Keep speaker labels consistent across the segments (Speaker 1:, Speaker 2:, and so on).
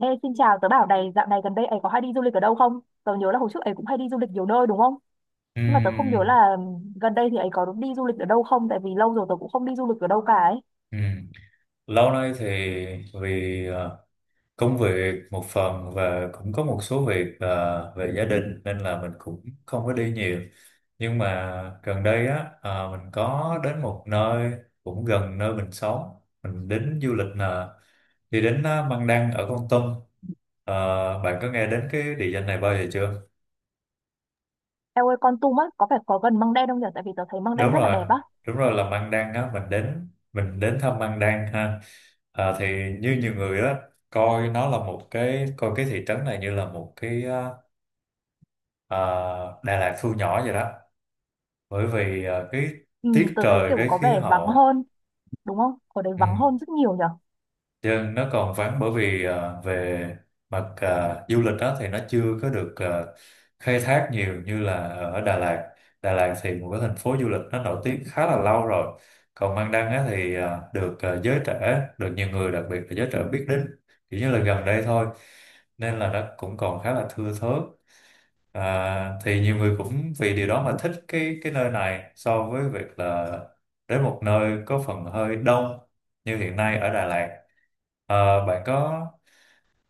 Speaker 1: Ê, xin chào, tớ bảo này, dạo này gần đây ấy có hay đi du lịch ở đâu không? Tớ nhớ là hồi trước ấy cũng hay đi du lịch nhiều nơi đúng không? Nhưng mà tớ không nhớ
Speaker 2: Ừm,
Speaker 1: là gần đây thì ấy có đi du lịch ở đâu không, tại vì lâu rồi tớ cũng không đi du lịch ở đâu cả ấy.
Speaker 2: ừm. Lâu nay thì vì công việc một phần và cũng có một số việc về gia đình nên là mình cũng không có đi nhiều. Nhưng mà gần đây á mình có đến một nơi cũng gần nơi mình sống. Mình đến du lịch là đi đến Măng Đen ở Kon Tum. Ờ, Bạn có nghe đến cái địa danh này bao giờ chưa?
Speaker 1: Eo ơi, Con Tum á, có phải có gần Măng Đen không nhỉ? Tại vì tớ thấy Măng Đen
Speaker 2: Đúng
Speaker 1: rất là
Speaker 2: rồi,
Speaker 1: đẹp á.
Speaker 2: đúng rồi là Măng Đen á, mình đến thăm Măng Đen ha. Thì như nhiều người á, coi nó là một cái coi cái thị trấn này như là một cái Đà Lạt thu nhỏ vậy đó, bởi vì cái
Speaker 1: Ừ,
Speaker 2: tiết
Speaker 1: tớ thấy
Speaker 2: trời,
Speaker 1: kiểu
Speaker 2: cái
Speaker 1: có
Speaker 2: khí
Speaker 1: vẻ vắng
Speaker 2: hậu.
Speaker 1: hơn, đúng không? Ở đây vắng hơn rất nhiều nhỉ?
Speaker 2: Chứ nó còn vắng bởi vì về mặt du lịch đó thì nó chưa có được khai thác nhiều như là ở Đà Lạt. Đà Lạt thì một cái thành phố du lịch nó nổi tiếng khá là lâu rồi. Còn Mang Đăng á, thì được giới trẻ, được nhiều người đặc biệt là giới trẻ biết đến, kiểu như là gần đây thôi. Nên là nó cũng còn khá là thưa thớt. Thì nhiều người cũng vì điều đó mà thích cái nơi này so với việc là đến một nơi có phần hơi đông như hiện nay ở Đà Lạt. Ờ, bạn có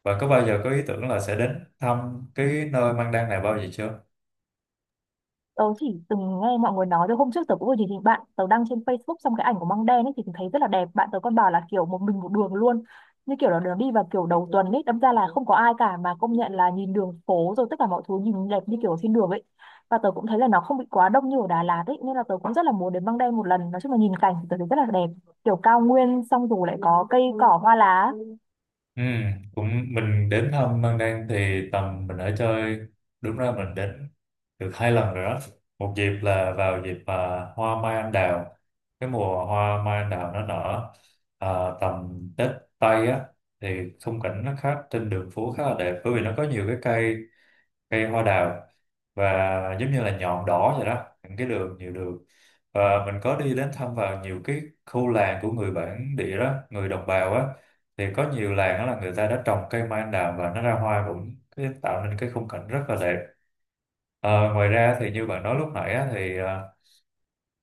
Speaker 2: Bạn có bao giờ có ý tưởng là sẽ đến thăm cái nơi Mang Đan này bao giờ chưa?
Speaker 1: Tớ chỉ từng nghe mọi người nói thôi. Hôm trước tớ cũng vừa nhìn thấy bạn tớ đăng trên Facebook xong cái ảnh của măng đen ấy thì tớ thấy rất là đẹp. Bạn tớ còn bảo là kiểu một mình một đường luôn, như kiểu là đường đi vào kiểu đầu tuần ấy đâm ra là không có ai cả, mà công nhận là nhìn đường phố rồi tất cả mọi thứ nhìn đẹp như kiểu ở trên đường ấy. Và tớ cũng thấy là nó không bị quá đông như ở Đà Lạt ấy, nên là tớ cũng rất là muốn đến măng đen một lần. Nói chung là nhìn cảnh thì tớ thấy rất là đẹp, kiểu cao nguyên xong rồi lại có cây cỏ hoa lá.
Speaker 2: Ừ, cũng mình đến thăm Mang Đan thì tầm mình ở chơi, đúng ra mình đến được hai lần rồi đó. Một dịp là vào dịp hoa mai anh đào, cái mùa hoa mai anh đào nó nở à, tầm Tết Tây á, thì khung cảnh nó khác, trên đường phố khá là đẹp bởi vì nó có nhiều cái cây, cây hoa đào, và giống như là nhọn đỏ vậy đó, những cái đường nhiều đường, và mình có đi đến thăm vào nhiều cái khu làng của người bản địa đó, người đồng bào á, thì có nhiều làng đó là người ta đã trồng cây mai anh đào và nó ra hoa cũng tạo nên cái khung cảnh rất là đẹp. Ờ, Ngoài ra thì như bạn nói lúc nãy á, thì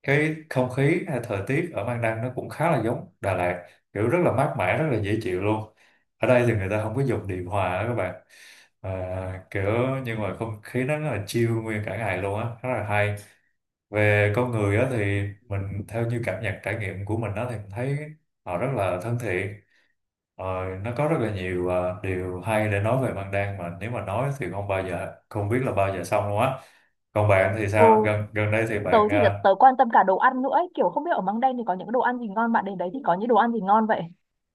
Speaker 2: cái không khí hay thời tiết ở Mang Đăng nó cũng khá là giống Đà Lạt, kiểu rất là mát mẻ, rất là dễ chịu luôn. Ở đây thì người ta không có dùng điều hòa á các bạn, kiểu nhưng mà không khí nó rất là chill nguyên cả ngày luôn á, rất là hay. Về con người á, thì mình theo như cảm nhận, trải nghiệm của mình á, thì mình thấy họ rất là thân thiện. Ờ, nó có rất là nhiều điều hay để nói về Mang Đăng mà nếu mà nói thì không bao giờ, không biết là bao giờ xong luôn á. Còn bạn thì sao,
Speaker 1: Ừ,
Speaker 2: gần gần đây thì
Speaker 1: tớ
Speaker 2: bạn
Speaker 1: thì tớ quan tâm cả đồ ăn nữa ấy. Kiểu không biết ở măng đen thì có những đồ ăn gì ngon? Bạn đến đấy thì có những đồ ăn gì ngon vậy?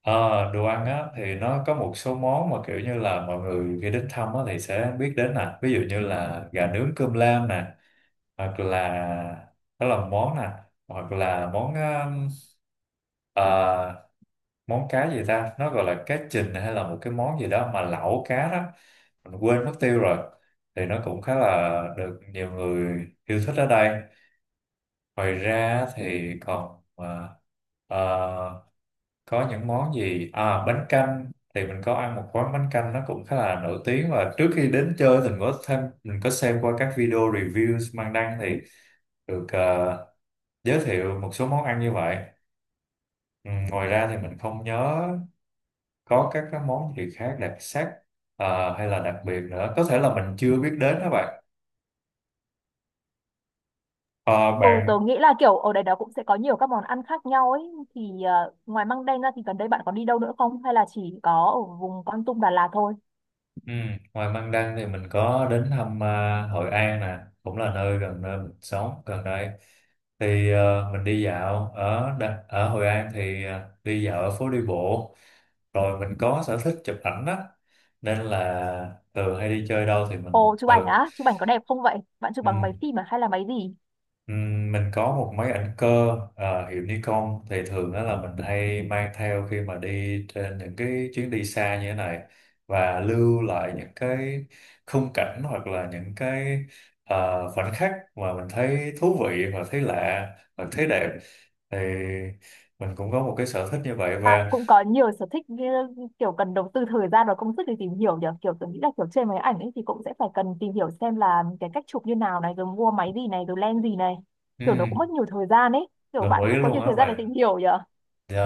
Speaker 2: Ờ, đồ ăn á thì nó có một số món mà kiểu như là mọi người khi đến thăm á thì sẽ biết đến nè, ví dụ như là gà nướng, cơm lam nè, hoặc là đó là món nè, hoặc là món ờ, món cá gì ta, nó gọi là cá trình hay là một cái món gì đó mà lẩu cá đó, mình quên mất tiêu rồi, thì nó cũng khá là được nhiều người yêu thích ở đây. Ngoài ra thì còn uh, có những món gì à, bánh canh thì mình có ăn một quán bánh canh nó cũng khá là nổi tiếng, và trước khi đến chơi thì mình có thêm mình có xem qua các video reviews mang đăng, thì được giới thiệu một số món ăn như vậy. Ừ, ngoài ra thì mình không nhớ có các cái món gì khác đặc sắc hay là đặc biệt nữa, có thể là mình chưa biết đến đó bạn. Ờ,
Speaker 1: Ừ, tớ
Speaker 2: bạn
Speaker 1: nghĩ là kiểu ở đây đó cũng sẽ có nhiều các món ăn khác nhau ấy. Thì ngoài măng đen ra thì gần đây bạn có đi đâu nữa không? Hay là chỉ có ở vùng Kon Tum Đà Lạt thôi?
Speaker 2: Ừ. Ngoài Măng Đăng thì mình có đến thăm Hội An nè, cũng là nơi gần nơi mình sống gần đây. Thì mình đi dạo ở ở Hội An thì đi dạo ở phố đi bộ. Rồi mình có sở thích chụp ảnh á, nên là thường hay đi chơi đâu thì mình
Speaker 1: Ồ, chụp ảnh
Speaker 2: thường
Speaker 1: á? Chụp ảnh có đẹp không vậy? Bạn chụp
Speaker 2: ừ.
Speaker 1: bằng máy phim à? Hay là máy gì?
Speaker 2: Mình có một máy ảnh cơ hiệu Nikon, thì thường đó là mình hay mang theo khi mà đi trên những cái chuyến đi xa như thế này, và lưu lại những cái khung cảnh, hoặc là những cái à, khoảnh khắc mà mình thấy thú vị và thấy lạ và thấy đẹp, thì mình cũng có một cái sở thích như vậy
Speaker 1: Bạn
Speaker 2: và
Speaker 1: cũng có nhiều sở thích như kiểu cần đầu tư thời gian và công sức để tìm hiểu nhỉ? Kiểu tớ nghĩ là kiểu trên máy ảnh ấy thì cũng sẽ phải cần tìm hiểu xem là cái cách chụp như nào này, rồi mua máy gì này, rồi lens gì này. Kiểu nó cũng
Speaker 2: ừm,
Speaker 1: mất nhiều thời gian ấy. Kiểu
Speaker 2: đồng
Speaker 1: bạn
Speaker 2: ý
Speaker 1: cũng có
Speaker 2: luôn
Speaker 1: nhiều
Speaker 2: á.
Speaker 1: thời gian để tìm
Speaker 2: Và
Speaker 1: hiểu nhỉ?
Speaker 2: dạ,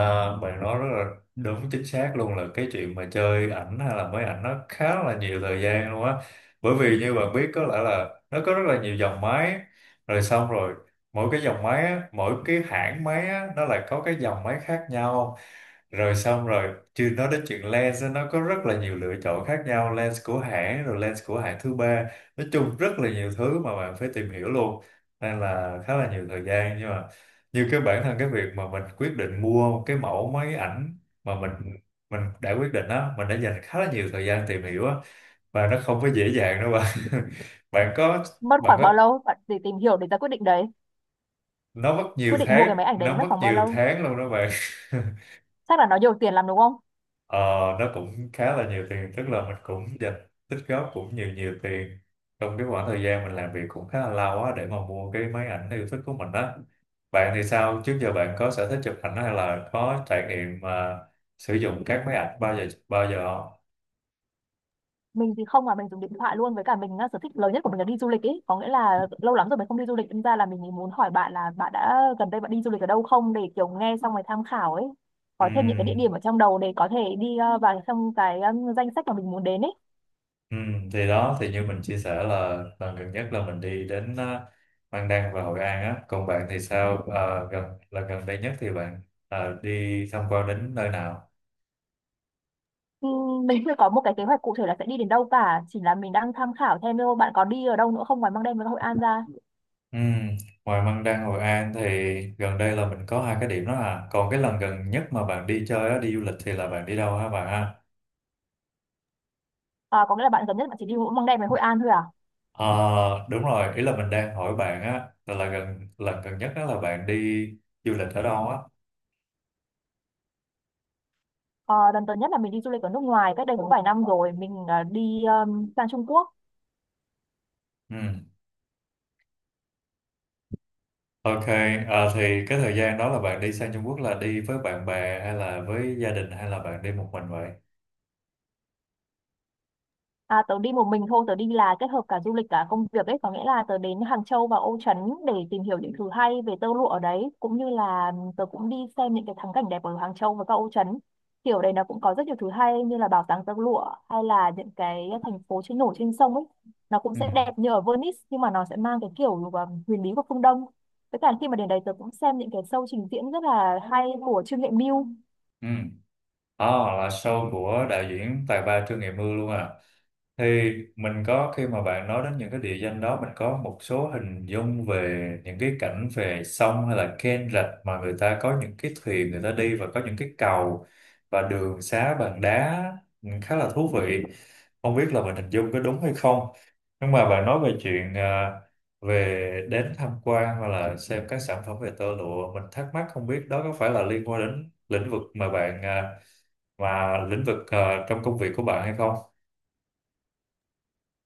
Speaker 2: bạn nói rất là đúng, chính xác luôn, là cái chuyện mà chơi ảnh hay là máy ảnh nó khá là nhiều thời gian luôn á, bởi vì như bạn biết có lẽ là nó có rất là nhiều dòng máy, rồi xong rồi mỗi cái dòng máy á, mỗi cái hãng máy á, nó lại có cái dòng máy khác nhau, rồi xong rồi chưa nói đến chuyện lens á, nó có rất là nhiều lựa chọn khác nhau, lens của hãng rồi lens của hãng thứ ba, nói chung rất là nhiều thứ mà bạn phải tìm hiểu luôn, nên là khá là nhiều thời gian. Nhưng mà như cái bản thân cái việc mà mình quyết định mua cái mẫu máy ảnh mà mình đã quyết định á, mình đã dành khá là nhiều thời gian tìm hiểu á, và nó không có dễ dàng đâu bạn. bạn có
Speaker 1: Mất
Speaker 2: bạn
Speaker 1: khoảng
Speaker 2: có
Speaker 1: bao lâu bạn để tìm hiểu để ra quyết định đấy?
Speaker 2: Nó mất nhiều
Speaker 1: Quyết định mua cái
Speaker 2: tháng,
Speaker 1: máy ảnh đấy
Speaker 2: nó
Speaker 1: mất
Speaker 2: mất
Speaker 1: khoảng bao
Speaker 2: nhiều
Speaker 1: lâu?
Speaker 2: tháng luôn đó bạn.
Speaker 1: Chắc là nó nhiều tiền lắm đúng không?
Speaker 2: Ờ, nó cũng khá là nhiều tiền, tức là mình cũng dành tích góp cũng nhiều nhiều tiền trong cái khoảng thời gian mình làm việc cũng khá là lâu á, để mà mua cái máy ảnh yêu thích của mình á. Bạn thì sao, trước giờ bạn có sở thích chụp ảnh hay là có trải nghiệm mà sử dụng các máy ảnh bao giờ không?
Speaker 1: Mình thì không, mà mình dùng điện thoại luôn. Với cả mình á, sở thích lớn nhất của mình là đi du lịch ấy, có nghĩa là lâu lắm rồi mình không đi du lịch nên ra là mình muốn hỏi bạn là bạn đã gần đây bạn đi du lịch ở đâu không, để kiểu nghe xong rồi tham khảo ấy, có thêm những cái địa
Speaker 2: Ừm,
Speaker 1: điểm ở trong đầu để có thể đi vào trong cái danh sách mà mình muốn đến ấy.
Speaker 2: thì đó thì như mình chia sẻ là lần gần nhất là mình đi đến Mang Đăng và Hội An á, còn bạn thì sao? Ờ, là gần đây nhất thì bạn đi tham quan đến nơi nào?
Speaker 1: Mình chưa có một cái kế hoạch cụ thể là sẽ đi đến đâu cả, chỉ là mình đang tham khảo thêm thôi. Bạn có đi ở đâu nữa không ngoài Măng Đen với Hội An ra?
Speaker 2: Ừ. Ngoài Măng Đen, Hội An thì gần đây là mình có hai cái điểm đó à. Còn cái lần gần nhất mà bạn đi chơi á, đi du lịch thì là bạn đi đâu hả bạn ha?
Speaker 1: À, có nghĩa là bạn gần nhất bạn chỉ đi mỗi Măng Đen với Hội An thôi à?
Speaker 2: Ờ, Đúng rồi, ý là mình đang hỏi bạn á, là lần gần nhất đó là bạn đi du lịch ở đâu á?
Speaker 1: Ờ, lần gần nhất là mình đi du lịch ở nước ngoài cách đây cũng vài năm rồi. Mình đi sang Trung Quốc.
Speaker 2: Ừ. Ok, thì cái thời gian đó là bạn đi sang Trung Quốc là đi với bạn bè hay là với gia đình hay là bạn đi một mình vậy?
Speaker 1: À, tớ đi một mình thôi. Tớ đi là kết hợp cả du lịch cả công việc ấy, có nghĩa là tớ đến Hàng Châu và Ô Trấn để tìm hiểu những thứ hay về tơ lụa ở đấy, cũng như là tớ cũng đi xem những cái thắng cảnh đẹp ở Hàng Châu và các Ô Trấn. Thì ở đây nó cũng có rất nhiều thứ hay, như là bảo tàng tơ lụa, hay là những cái thành phố trên nổi trên sông ấy. Nó cũng
Speaker 2: Ừ.
Speaker 1: sẽ đẹp như ở Venice, nhưng mà nó sẽ mang cái kiểu huyền bí của phương Đông. Với cả khi mà đến đây tớ cũng xem những cái show trình diễn rất là hay của Trương Nghệ Mưu.
Speaker 2: Ừ. Đó là show của đạo diễn tài ba Trương Nghệ Mưu luôn à. Thì mình có, khi mà bạn nói đến những cái địa danh đó, mình có một số hình dung về những cái cảnh về sông hay là kênh rạch mà người ta có những cái thuyền người ta đi, và có những cái cầu và đường xá bằng đá, ừ, khá là thú vị. Không biết là mình hình dung có đúng hay không. Nhưng mà bạn nói về chuyện về đến tham quan hoặc là xem các sản phẩm về tơ lụa, mình thắc mắc không biết đó có phải là liên quan đến lĩnh vực mà mà lĩnh vực trong công việc của bạn hay không?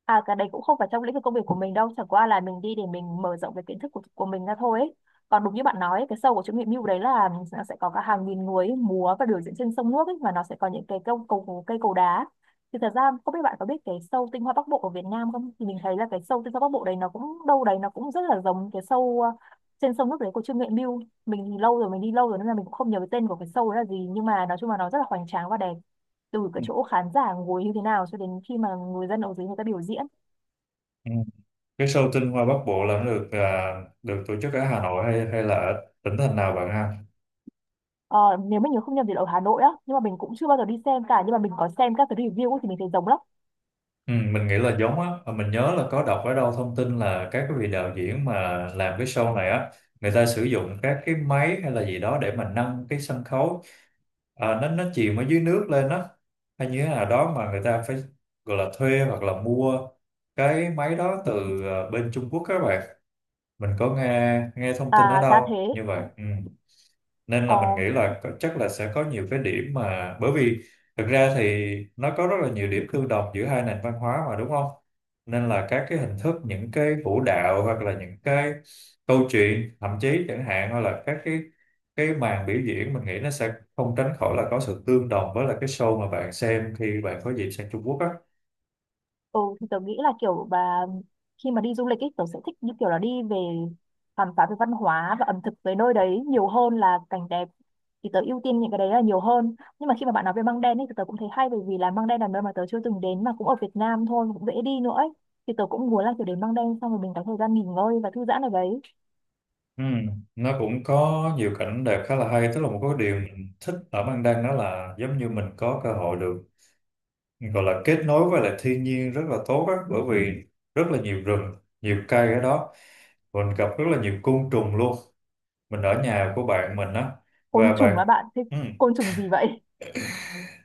Speaker 1: À cái đấy cũng không phải trong lĩnh vực công việc của mình đâu, chẳng qua là mình đi để mình mở rộng cái kiến thức của mình ra thôi ấy. Còn đúng như bạn nói ấy, cái show của Trương Mỹ Mưu đấy là nó sẽ có cả hàng nghìn người ấy, múa và biểu diễn trên sông nước ấy, mà nó sẽ có những cái câu cầu cây cầu đá. Thì thật ra không biết bạn có biết cái show Tinh Hoa Bắc Bộ ở Việt Nam không? Thì mình thấy là cái show Tinh Hoa Bắc Bộ đấy nó cũng đâu đấy nó cũng rất là giống cái show uh, trên sông nước đấy của Trương Nghệ Mưu. Mình thì lâu rồi mình đi lâu rồi nên là mình cũng không nhớ cái tên của cái show đấy là gì, nhưng mà nói chung là nó rất là hoành tráng và đẹp, từ cái chỗ khán giả ngồi như thế nào cho đến khi mà người dân ở dưới người ta biểu diễn.
Speaker 2: Ừ. Cái show tinh hoa Bắc Bộ là nó được tổ chức ở Hà Nội, hay hay là ở tỉnh thành nào bạn ha?
Speaker 1: Ờ, nếu mình nhớ không nhầm thì là ở Hà Nội á, nhưng mà mình cũng chưa bao giờ đi xem cả, nhưng mà mình có xem các cái review ấy thì mình thấy giống lắm.
Speaker 2: Ừ, mình nghĩ là giống á, mà mình nhớ là có đọc ở đâu thông tin là các cái vị đạo diễn mà làm cái show này á, người ta sử dụng các cái máy hay là gì đó để mà nâng cái sân khấu, nó chìm ở dưới nước lên á, hay như thế nào đó mà người ta phải gọi là thuê hoặc là mua cái máy đó từ bên Trung Quốc các bạn. Mình có nghe nghe thông tin ở
Speaker 1: À ra
Speaker 2: đâu
Speaker 1: thế.
Speaker 2: như vậy. Ừ. Nên
Speaker 1: ờ,
Speaker 2: là mình nghĩ là có, chắc là sẽ có nhiều cái điểm. Mà bởi vì thực ra thì nó có rất là nhiều điểm tương đồng giữa hai nền văn hóa mà đúng không, nên là các cái hình thức, những cái vũ đạo, hoặc là những cái câu chuyện thậm chí chẳng hạn, hoặc là các cái màn biểu diễn, mình nghĩ nó sẽ không tránh khỏi là có sự tương đồng với là cái show mà bạn xem khi bạn có dịp sang Trung Quốc á.
Speaker 1: ừ, thì tớ nghĩ là kiểu bà khi mà đi du lịch ấy tớ sẽ thích như kiểu là đi về khám phá về văn hóa và ẩm thực về nơi đấy nhiều hơn là cảnh đẹp, thì tớ ưu tiên những cái đấy là nhiều hơn. Nhưng mà khi mà bạn nói về Măng Đen ấy thì tớ cũng thấy hay, bởi vì là Măng Đen là nơi mà tớ chưa từng đến mà cũng ở Việt Nam thôi, cũng dễ đi nữa ấy. Thì tớ cũng muốn là kiểu đến Măng Đen xong rồi mình có thời gian nghỉ ngơi và thư giãn ở đấy.
Speaker 2: Ừ, nó cũng có nhiều cảnh đẹp khá là hay, tức là một cái điều mình thích ở Mang Đăng đó là giống như mình có cơ hội được gọi là kết nối với lại thiên nhiên rất là tốt á, bởi vì rất là nhiều rừng, nhiều cây ở đó. Mình gặp rất là nhiều côn trùng luôn, mình ở nhà của bạn mình á,
Speaker 1: Côn
Speaker 2: và
Speaker 1: trùng
Speaker 2: bạn,
Speaker 1: á bạn? Thế
Speaker 2: ừ,
Speaker 1: côn trùng gì vậy?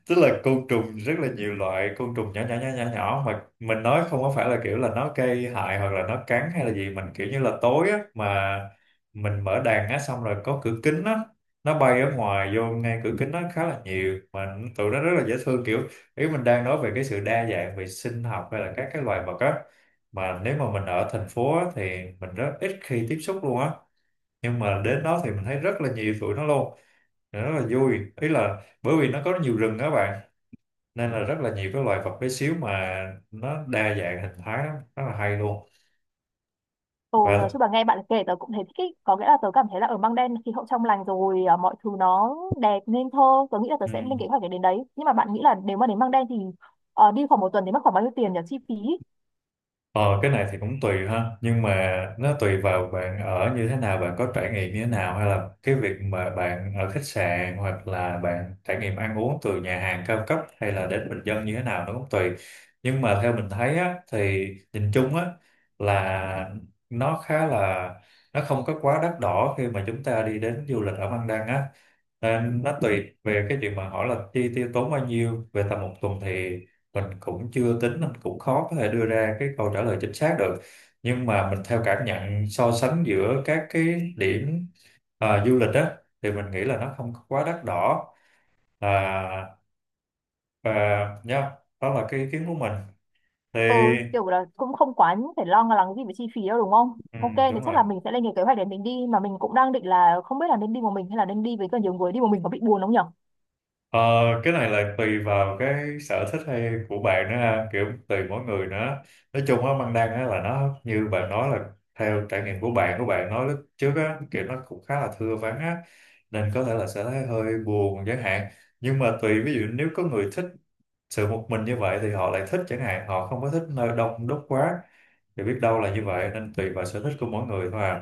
Speaker 2: tức là côn trùng, rất là nhiều loại côn trùng nhỏ nhỏ nhỏ nhỏ nhỏ, mà mình nói không có phải là kiểu là nó gây hại hoặc là nó cắn hay là gì. Mình kiểu như là tối á, mà mình mở đàn á, xong rồi có cửa kính á, nó bay ở ngoài vô ngay cửa kính, nó khá là nhiều, mà tụi nó rất là dễ thương, kiểu ý mình đang nói về cái sự đa dạng về sinh học hay là các cái loài vật á. Mà nếu mà mình ở thành phố á, thì mình rất ít khi tiếp xúc luôn á, nhưng mà đến đó thì mình thấy rất là nhiều tụi nó luôn, rất là vui. Ý là bởi vì nó có nhiều rừng á bạn, nên là rất là nhiều cái loài vật bé xíu, mà nó đa dạng hình thái lắm, rất là hay luôn.
Speaker 1: Ừ, nói
Speaker 2: Và
Speaker 1: chung là nghe bạn kể tớ cũng thấy thích ý. Có nghĩa là tớ cảm thấy là ở Măng Đen khí hậu trong lành rồi, mọi thứ nó đẹp nên thơ. Tớ nghĩ là tớ
Speaker 2: ừ.
Speaker 1: sẽ lên kế hoạch để đến đấy. Nhưng mà bạn nghĩ là nếu mà đến Măng Đen thì đi khoảng một tuần thì mất khoảng bao nhiêu tiền nhỉ chi phí?
Speaker 2: Ờ, cái này thì cũng tùy ha, nhưng mà nó tùy vào bạn ở như thế nào, bạn có trải nghiệm như thế nào, hay là cái việc mà bạn ở khách sạn hoặc là bạn trải nghiệm ăn uống từ nhà hàng cao cấp hay là đến bình dân như thế nào, nó cũng tùy. Nhưng mà theo mình thấy á, thì nhìn chung á, là nó khá là, nó không có quá đắt đỏ khi mà chúng ta đi đến du lịch ở Văn Đăng á. Nên nó tùy về cái chuyện mà hỏi là chi tiêu tốn bao nhiêu về tầm một tuần, thì mình cũng chưa tính, mình cũng khó có thể đưa ra cái câu trả lời chính xác được. Nhưng mà mình theo cảm nhận so sánh giữa các cái điểm du lịch á, thì mình nghĩ là nó không có quá đắt đỏ, à, và nhá, đó là cái ý kiến của mình thì.
Speaker 1: Ừ, kiểu là cũng không quá phải lo lắng gì về chi phí đâu đúng không?
Speaker 2: Ừ,
Speaker 1: Ok, thì
Speaker 2: đúng
Speaker 1: chắc
Speaker 2: rồi.
Speaker 1: là mình sẽ lên cái kế hoạch để mình đi. Mà mình cũng đang định là không biết là nên đi một mình hay là nên đi với cả nhiều người. Đi một mình có bị buồn không nhỉ?
Speaker 2: Ờ, cái này là tùy vào cái sở thích hay của bạn nữa ha, kiểu tùy mỗi người nữa. Nói chung á, băng đăng á là nó như bạn nói là theo trải nghiệm của bạn nói lúc trước á, kiểu nó cũng khá là thưa vắng á, nên có thể là sẽ thấy hơi buồn chẳng hạn. Nhưng mà tùy, ví dụ nếu có người thích sự một mình như vậy thì họ lại thích chẳng hạn, họ không có thích nơi đông đúc quá, thì biết đâu là như vậy, nên tùy vào sở thích của mỗi người thôi à.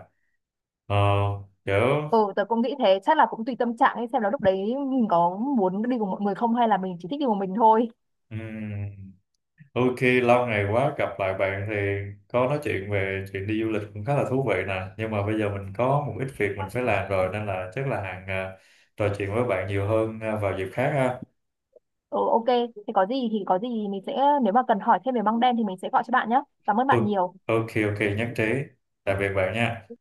Speaker 2: Ờ, kiểu,
Speaker 1: Ừ, tớ cũng nghĩ thế, chắc là cũng tùy tâm trạng ấy, xem là lúc đấy mình có muốn đi cùng mọi người không hay là mình chỉ thích đi một mình thôi.
Speaker 2: ừm, ok, lâu ngày quá gặp lại bạn thì có nói chuyện về chuyện đi du lịch cũng khá là thú vị nè. Nhưng mà bây giờ mình có một ít việc mình phải làm rồi, nên là chắc là hàng trò chuyện với bạn nhiều hơn vào dịp khác ha.
Speaker 1: Ừ, ok, thì có gì mình sẽ nếu mà cần hỏi thêm về măng đen thì mình sẽ gọi cho bạn nhé. Cảm ơn
Speaker 2: Ừ,
Speaker 1: bạn nhiều.
Speaker 2: ok, ok, nhất trí. Tạm biệt bạn nha.